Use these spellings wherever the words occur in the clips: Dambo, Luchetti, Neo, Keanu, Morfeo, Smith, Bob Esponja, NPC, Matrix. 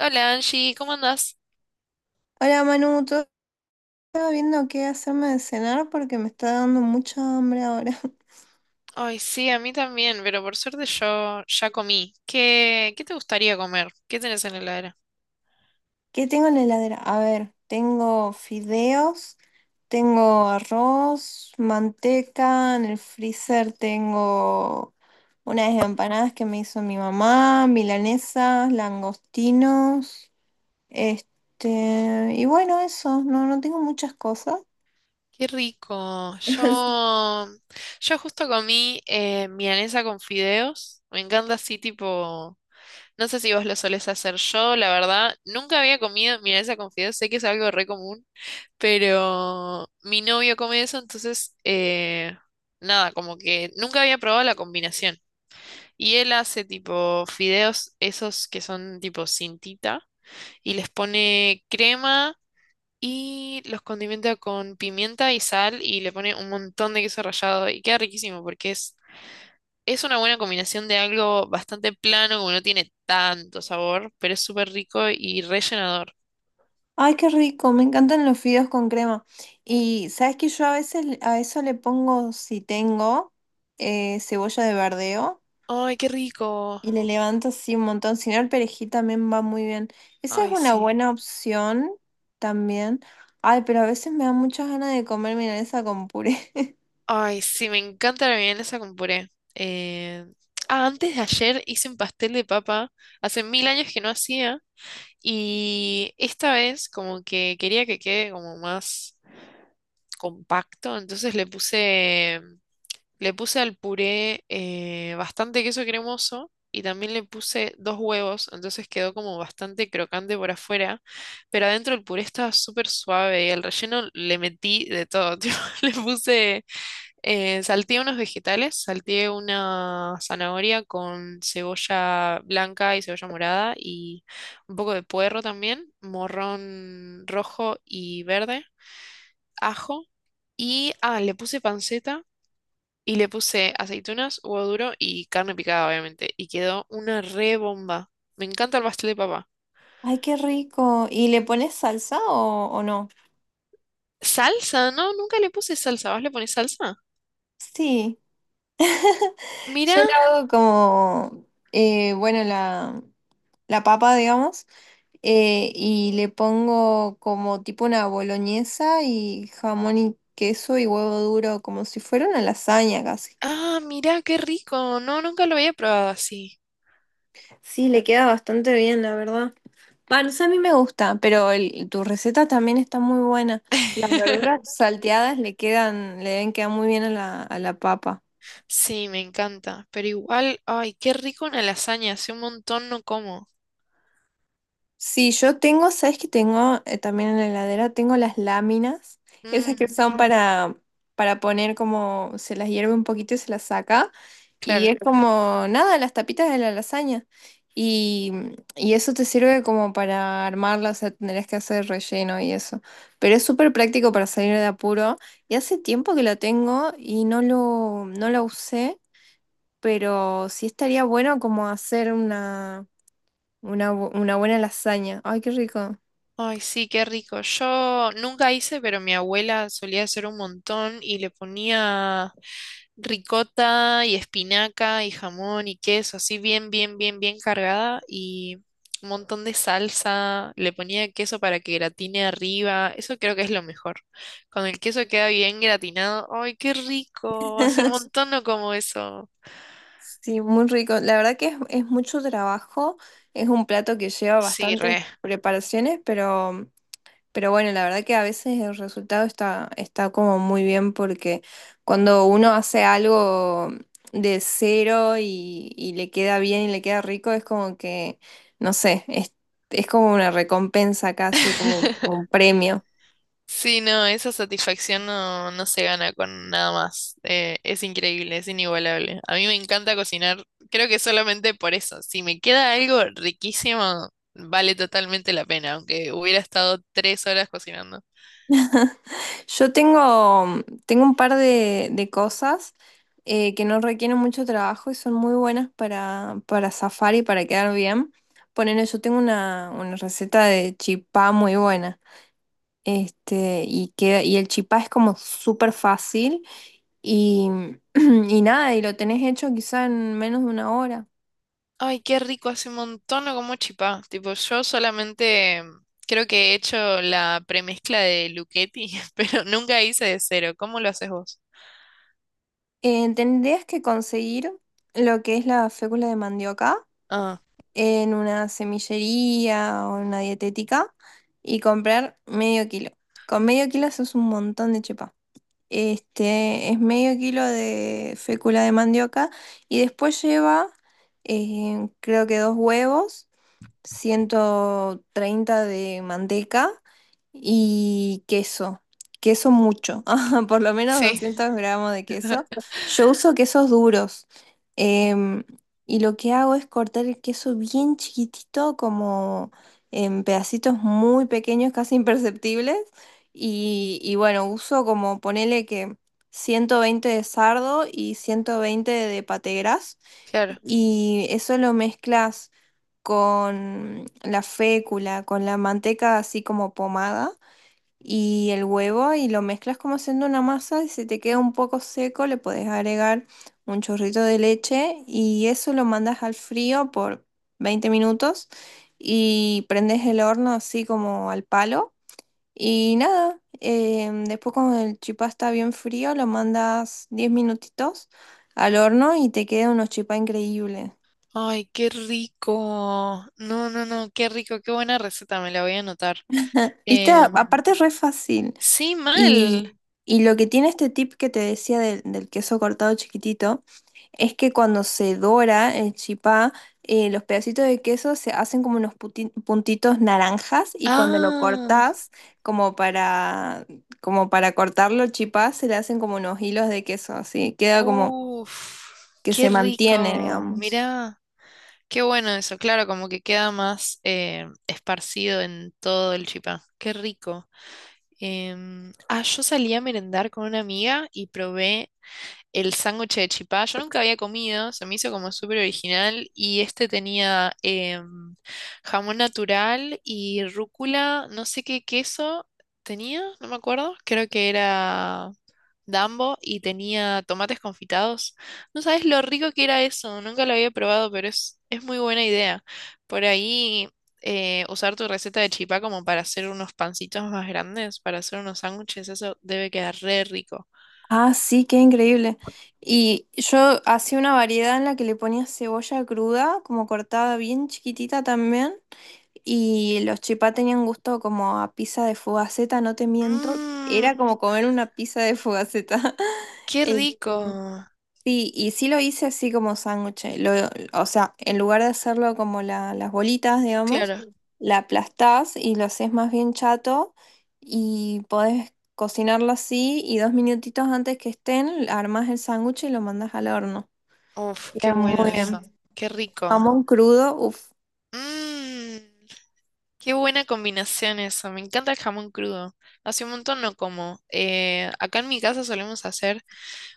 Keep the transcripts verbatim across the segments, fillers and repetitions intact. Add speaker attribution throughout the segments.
Speaker 1: Hola Angie, ¿cómo andás?
Speaker 2: Hola Manu, todo. Estaba viendo qué hacerme de cenar porque me está dando mucha hambre ahora.
Speaker 1: Ay, sí, a mí también, pero por suerte yo ya comí. ¿Qué, qué te gustaría comer? ¿Qué tenés en la heladera?
Speaker 2: ¿Qué tengo en la heladera? A ver, tengo fideos, tengo arroz, manteca, en el freezer tengo unas empanadas que me hizo mi mamá, milanesas, langostinos, este, y bueno, eso, no, no tengo muchas cosas.
Speaker 1: Qué rico. Yo, yo justo comí eh, milanesa con fideos. Me encanta así tipo, no sé si vos lo solés hacer yo, la verdad. Nunca había comido milanesa con fideos, sé que es algo re común, pero mi novio come eso, entonces, eh, nada, como que nunca había probado la combinación. Y él hace tipo fideos, esos que son tipo cintita, y les pone crema y los condimenta con pimienta y sal y le pone un montón de queso rallado y queda riquísimo porque es, es una buena combinación de algo bastante plano, como no tiene tanto sabor, pero es súper rico y rellenador.
Speaker 2: Ay, qué rico, me encantan los fideos con crema. Y sabes que yo a veces le- a eso le pongo, si tengo, eh, cebolla de verdeo
Speaker 1: ¡Ay, qué rico!
Speaker 2: y le levanto así un montón. Si no, el perejil también va muy bien. Esa es
Speaker 1: ¡Ay,
Speaker 2: una
Speaker 1: sí!
Speaker 2: buena opción también. Ay, pero a veces me da muchas ganas de comer milanesa con puré.
Speaker 1: ¡Ay, sí! Me encanta la milanesa con puré. Eh, Ah, antes de ayer hice un pastel de papa. Hace mil años que no hacía. Y esta vez como que quería que quede como más compacto, entonces le puse, le puse al puré eh, bastante queso cremoso y también le puse dos huevos, entonces quedó como bastante crocante por afuera, pero adentro el puré estaba súper suave y el relleno le metí de todo, tipo, le puse eh, salteé unos vegetales, salteé una zanahoria con cebolla blanca y cebolla morada y un poco de puerro también, morrón rojo y verde, ajo y ah, le puse panceta y le puse aceitunas, huevo duro y carne picada obviamente y quedó una re bomba. Me encanta el pastel de papa.
Speaker 2: Ay, qué rico. ¿Y le pones salsa o, o no?
Speaker 1: Salsa, no, nunca le puse salsa, ¿vos le ponés salsa?
Speaker 2: Sí.
Speaker 1: Mira,
Speaker 2: Yo la hago como, eh, bueno, la, la papa, digamos. eh, y le pongo como tipo una boloñesa y jamón y queso y huevo duro, como si fuera una lasaña casi.
Speaker 1: ah, mira, qué rico. No, nunca lo había probado así.
Speaker 2: Sí, le queda bastante bien, la verdad. Va, no a mí me gusta, pero el- tu receta también está muy buena. Las verduras salteadas le quedan, le deben quedar muy bien a la, a la papa.
Speaker 1: Sí, me encanta. Pero igual, ay, qué rico una lasaña. Hace un montón no como.
Speaker 2: Sí, yo tengo, ¿sabes que tengo eh, también en la heladera? Tengo las láminas, esas que
Speaker 1: Mm,
Speaker 2: son para, para poner como, se las hierve un poquito y se las saca. Y
Speaker 1: claro.
Speaker 2: es como, nada, las tapitas de la lasaña. Y, y eso te sirve como para armarla, o sea, tendrás que hacer relleno y eso. Pero es súper práctico para salir de apuro. Y hace tiempo que la tengo y no lo, no la usé, pero sí estaría bueno como hacer una, una, bu- una buena lasaña. Ay, qué rico.
Speaker 1: Ay, sí, qué rico. Yo nunca hice, pero mi abuela solía hacer un montón y le ponía ricota y espinaca y jamón y queso, así bien, bien, bien, bien cargada y un montón de salsa. Le ponía queso para que gratine arriba. Eso creo que es lo mejor. Cuando el queso queda bien gratinado, ay, qué rico. Hace un montón no como eso.
Speaker 2: Sí, muy rico. La verdad que es, es mucho trabajo. Es un plato que lleva
Speaker 1: Sí,
Speaker 2: bastantes
Speaker 1: re.
Speaker 2: preparaciones, pero Pero bueno, la verdad que a veces el resultado está, está como muy bien porque cuando uno hace algo de cero y, y le queda bien y le queda rico, es como que, no sé, es, es como una recompensa casi, como un premio.
Speaker 1: Sí, no, esa satisfacción no, no se gana con nada más. Eh, es increíble, es inigualable. A mí me encanta cocinar, creo que solamente por eso. Si me queda algo riquísimo, vale totalmente la pena, aunque hubiera estado tres horas cocinando.
Speaker 2: Yo tengo, tengo un par de, de cosas eh, que no requieren mucho trabajo y son muy buenas para, para zafar y para quedar bien. Ponele, yo tengo una, una receta de chipá muy buena. Este, y, queda, y el chipá es como súper fácil y, y nada, y lo tenés hecho quizá en menos de una hora.
Speaker 1: Ay, qué rico, hace un montón no como chipá. Tipo, yo solamente mm, creo que he hecho la premezcla de Luchetti, pero nunca hice de cero. ¿Cómo lo haces vos?
Speaker 2: Eh, tendrías que conseguir lo que es la fécula de mandioca
Speaker 1: Ah,
Speaker 2: en una semillería o en una dietética y comprar medio kilo. Con medio kilo haces un montón de chipá. Este, es medio kilo de fécula de mandioca y después lleva, eh, creo que dos huevos, ciento treinta de manteca y queso. Queso mucho, por lo menos
Speaker 1: sí,
Speaker 2: doscientos gramos de queso. Yo uso quesos duros. em, y lo que hago es cortar el queso bien chiquitito, como en pedacitos muy pequeños, casi imperceptibles. Y, y bueno, uso como ponele que ciento veinte de sardo y ciento veinte de pategras
Speaker 1: claro.
Speaker 2: y eso lo mezclas con la fécula, con la manteca así como pomada y el huevo y lo mezclas como haciendo una masa y si te queda un poco seco le puedes agregar un chorrito de leche y eso lo mandas al frío por veinte minutos y prendes el horno así como al palo y nada, em, después cuando el chipá está bien frío lo mandas diez minutitos al horno y te queda unos chipá increíbles.
Speaker 1: Ay, qué rico. No, no, no, qué rico, qué buena receta, me la voy a anotar.
Speaker 2: Viste, A- aparte
Speaker 1: Em,
Speaker 2: es re fácil.
Speaker 1: sí,
Speaker 2: Y,
Speaker 1: mal.
Speaker 2: y lo que tiene este tip que te decía del, del queso cortado chiquitito es que cuando se dora el chipá, eh, los pedacitos de queso se hacen como unos puti- puntitos naranjas y cuando lo
Speaker 1: Ah,
Speaker 2: cortás, como para, como para cortarlo el chipá, se le hacen como unos hilos de queso, así queda como
Speaker 1: uff,
Speaker 2: que
Speaker 1: qué
Speaker 2: se mantiene,
Speaker 1: rico.
Speaker 2: digamos.
Speaker 1: Mirá, qué bueno eso. Claro, como que queda más eh, esparcido en todo el chipá. Qué rico. Em, ah, yo salí a merendar con una amiga y probé el sándwich de chipá. Yo nunca había comido, se me hizo como súper original y este tenía em, jamón natural y rúcula, no sé qué queso tenía, no me acuerdo, creo que era Dambo y tenía tomates confitados. No sabes lo rico que era eso, nunca lo había probado, pero es, es muy buena idea. Por ahí... eh, usar tu receta de chipá como para hacer unos pancitos más grandes, para hacer unos sándwiches, eso debe quedar re rico.
Speaker 2: Ah, sí, qué increíble. Y yo hacía una variedad en la que le ponía cebolla cruda, como cortada bien chiquitita también. Y los chipá tenían gusto como a pizza de fugaceta, no te miento.
Speaker 1: Mmm,
Speaker 2: Era como comer una pizza de fugaceta.
Speaker 1: qué
Speaker 2: Eh,
Speaker 1: rico.
Speaker 2: Sí, y sí lo hice así como sándwich. eh, Lo, o sea, en lugar de hacerlo como la- las bolitas, digamos,
Speaker 1: Claro.
Speaker 2: la aplastás y lo haces más bien chato y podés cocinarlo así y dos minutitos antes que estén, armás el sándwich y lo mandás al horno.
Speaker 1: Uf, qué
Speaker 2: Queda
Speaker 1: bueno
Speaker 2: muy bien.
Speaker 1: eso. Qué rico.
Speaker 2: Jamón crudo, uff.
Speaker 1: Mmm, qué buena combinación eso. Me encanta el jamón crudo. Hace un montón no como. Eh, acá en mi casa solemos hacer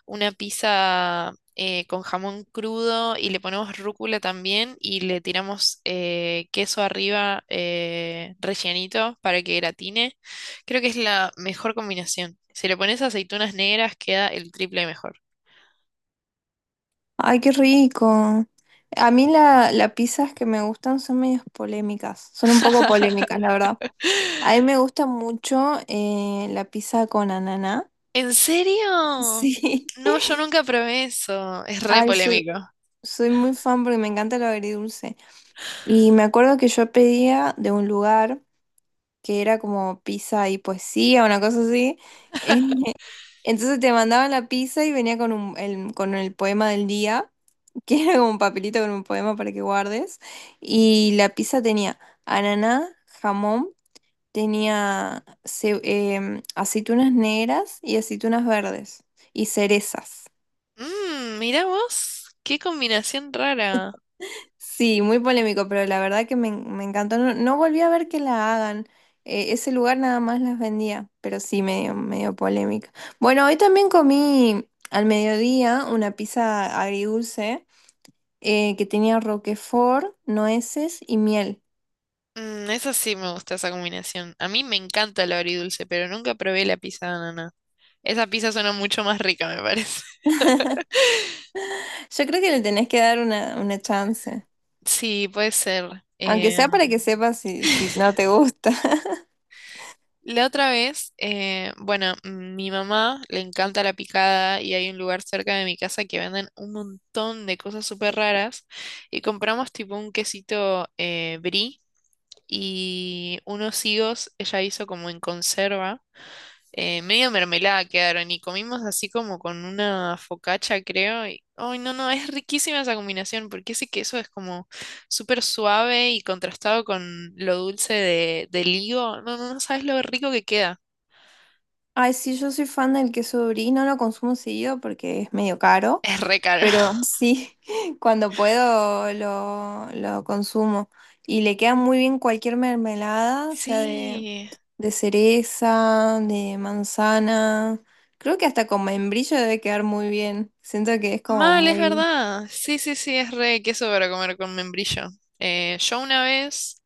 Speaker 1: una pizza eh, con jamón crudo y le ponemos rúcula también y le tiramos eh, queso arriba eh, rellenito para que gratine. Creo que es la mejor combinación. Si le pones aceitunas negras queda el triple mejor.
Speaker 2: Ay, qué rico. A mí la, las pizzas que me gustan son medias polémicas. Son un poco polémicas, la verdad. A mí me gusta mucho eh, la pizza con ananá.
Speaker 1: ¿En serio?
Speaker 2: Sí.
Speaker 1: No, yo nunca probé eso. Es re
Speaker 2: Ay, soy,
Speaker 1: polémico.
Speaker 2: soy muy fan porque me encanta lo agridulce. Y me acuerdo que yo pedía de un lugar que era como pizza y poesía, una cosa así. eh, Entonces te mandaban la pizza y venía con un- el, con el poema del día, que era como un papelito con un poema para que guardes. Y la pizza tenía ananá, jamón, tenía ce- em, aceitunas negras y aceitunas verdes y cerezas.
Speaker 1: Mmm, mirá vos, qué combinación rara.
Speaker 2: Sí, muy polémico, pero la verdad que me, en- me encantó. No, no volví a ver que la hagan. Eh, ese lugar nada más las vendía, pero sí, medio, medio polémica. Bueno, hoy también comí al mediodía una pizza agridulce eh, que tenía roquefort, nueces y miel.
Speaker 1: Mm, esa sí me gusta esa combinación. A mí me encanta el agridulce, pero nunca probé la pizza de ananá. Esa pizza suena mucho más rica, me parece.
Speaker 2: Yo creo que le tenés que dar una, una chance,
Speaker 1: Sí, puede ser.
Speaker 2: aunque
Speaker 1: Eh,
Speaker 2: sea para que sepas si, si no te gusta.
Speaker 1: la otra vez, eh, bueno, mm, mi mamá le encanta la picada y hay un lugar cerca de mi casa que venden un montón de cosas súper raras y compramos tipo un quesito eh, brie y unos higos ella hizo como en conserva, eh, medio mermelada quedaron y comimos así como con una focaccia, creo. Y, ay, no, no, es riquísima esa combinación porque ese queso es como súper suave y contrastado con lo dulce de, del higo. No, no, no sabes lo rico que queda.
Speaker 2: Ay, sí, yo soy fan del queso brie, no lo consumo seguido porque es medio caro.
Speaker 1: Es re caro.
Speaker 2: Pero sí, cuando puedo lo, lo consumo. Y le queda muy bien cualquier mermelada, o sea, de,
Speaker 1: Sí,
Speaker 2: de cereza, de manzana. Creo que hasta con membrillo debe quedar muy bien. Siento que es como
Speaker 1: mal, es
Speaker 2: muy,
Speaker 1: verdad. Sí, sí, sí, es re queso para comer con membrillo. Eh, yo una vez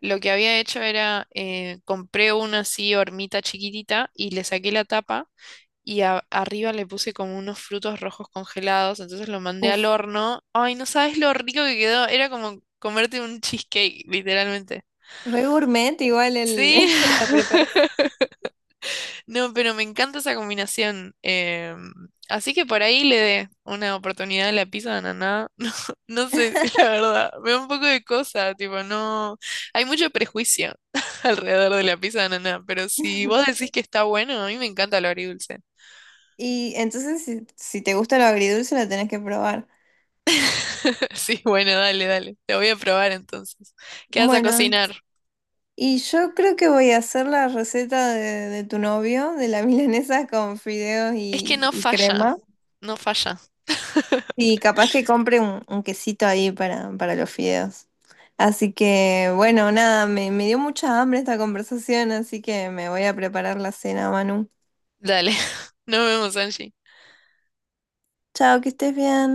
Speaker 1: lo que había hecho era eh, compré una así hormita chiquitita y le saqué la tapa y a- arriba le puse como unos frutos rojos congelados, entonces lo mandé al
Speaker 2: uf,
Speaker 1: horno. Ay, no sabes lo rico que quedó. Era como comerte un cheesecake, literalmente.
Speaker 2: re gourmet igual el,
Speaker 1: Sí,
Speaker 2: la preparación.
Speaker 1: no, pero me encanta esa combinación. Em, así que por ahí le dé una oportunidad a la pizza de ananá. No sé, la verdad, me da un poco de cosa, tipo, no, hay mucho prejuicio alrededor de la pizza de ananá, pero si vos decís que está bueno, a mí me encanta lo agridulce.
Speaker 2: Y entonces, si, si te gusta lo agridulce, lo tenés que probar.
Speaker 1: Sí, bueno, dale, dale, te voy a probar entonces. ¿Qué vas a
Speaker 2: Bueno,
Speaker 1: cocinar?
Speaker 2: Y yo creo que voy a hacer la receta de, de tu novio, de la milanesa con fideos
Speaker 1: Es que
Speaker 2: y,
Speaker 1: no
Speaker 2: y
Speaker 1: falla,
Speaker 2: crema.
Speaker 1: no falla.
Speaker 2: Y capaz que compre un, un quesito ahí para, para los fideos. Así que, bueno, nada, me, me dio mucha hambre esta conversación, así que me voy a preparar la cena, Manu.
Speaker 1: Dale, nos vemos, Angie.
Speaker 2: Chao, que estés bien.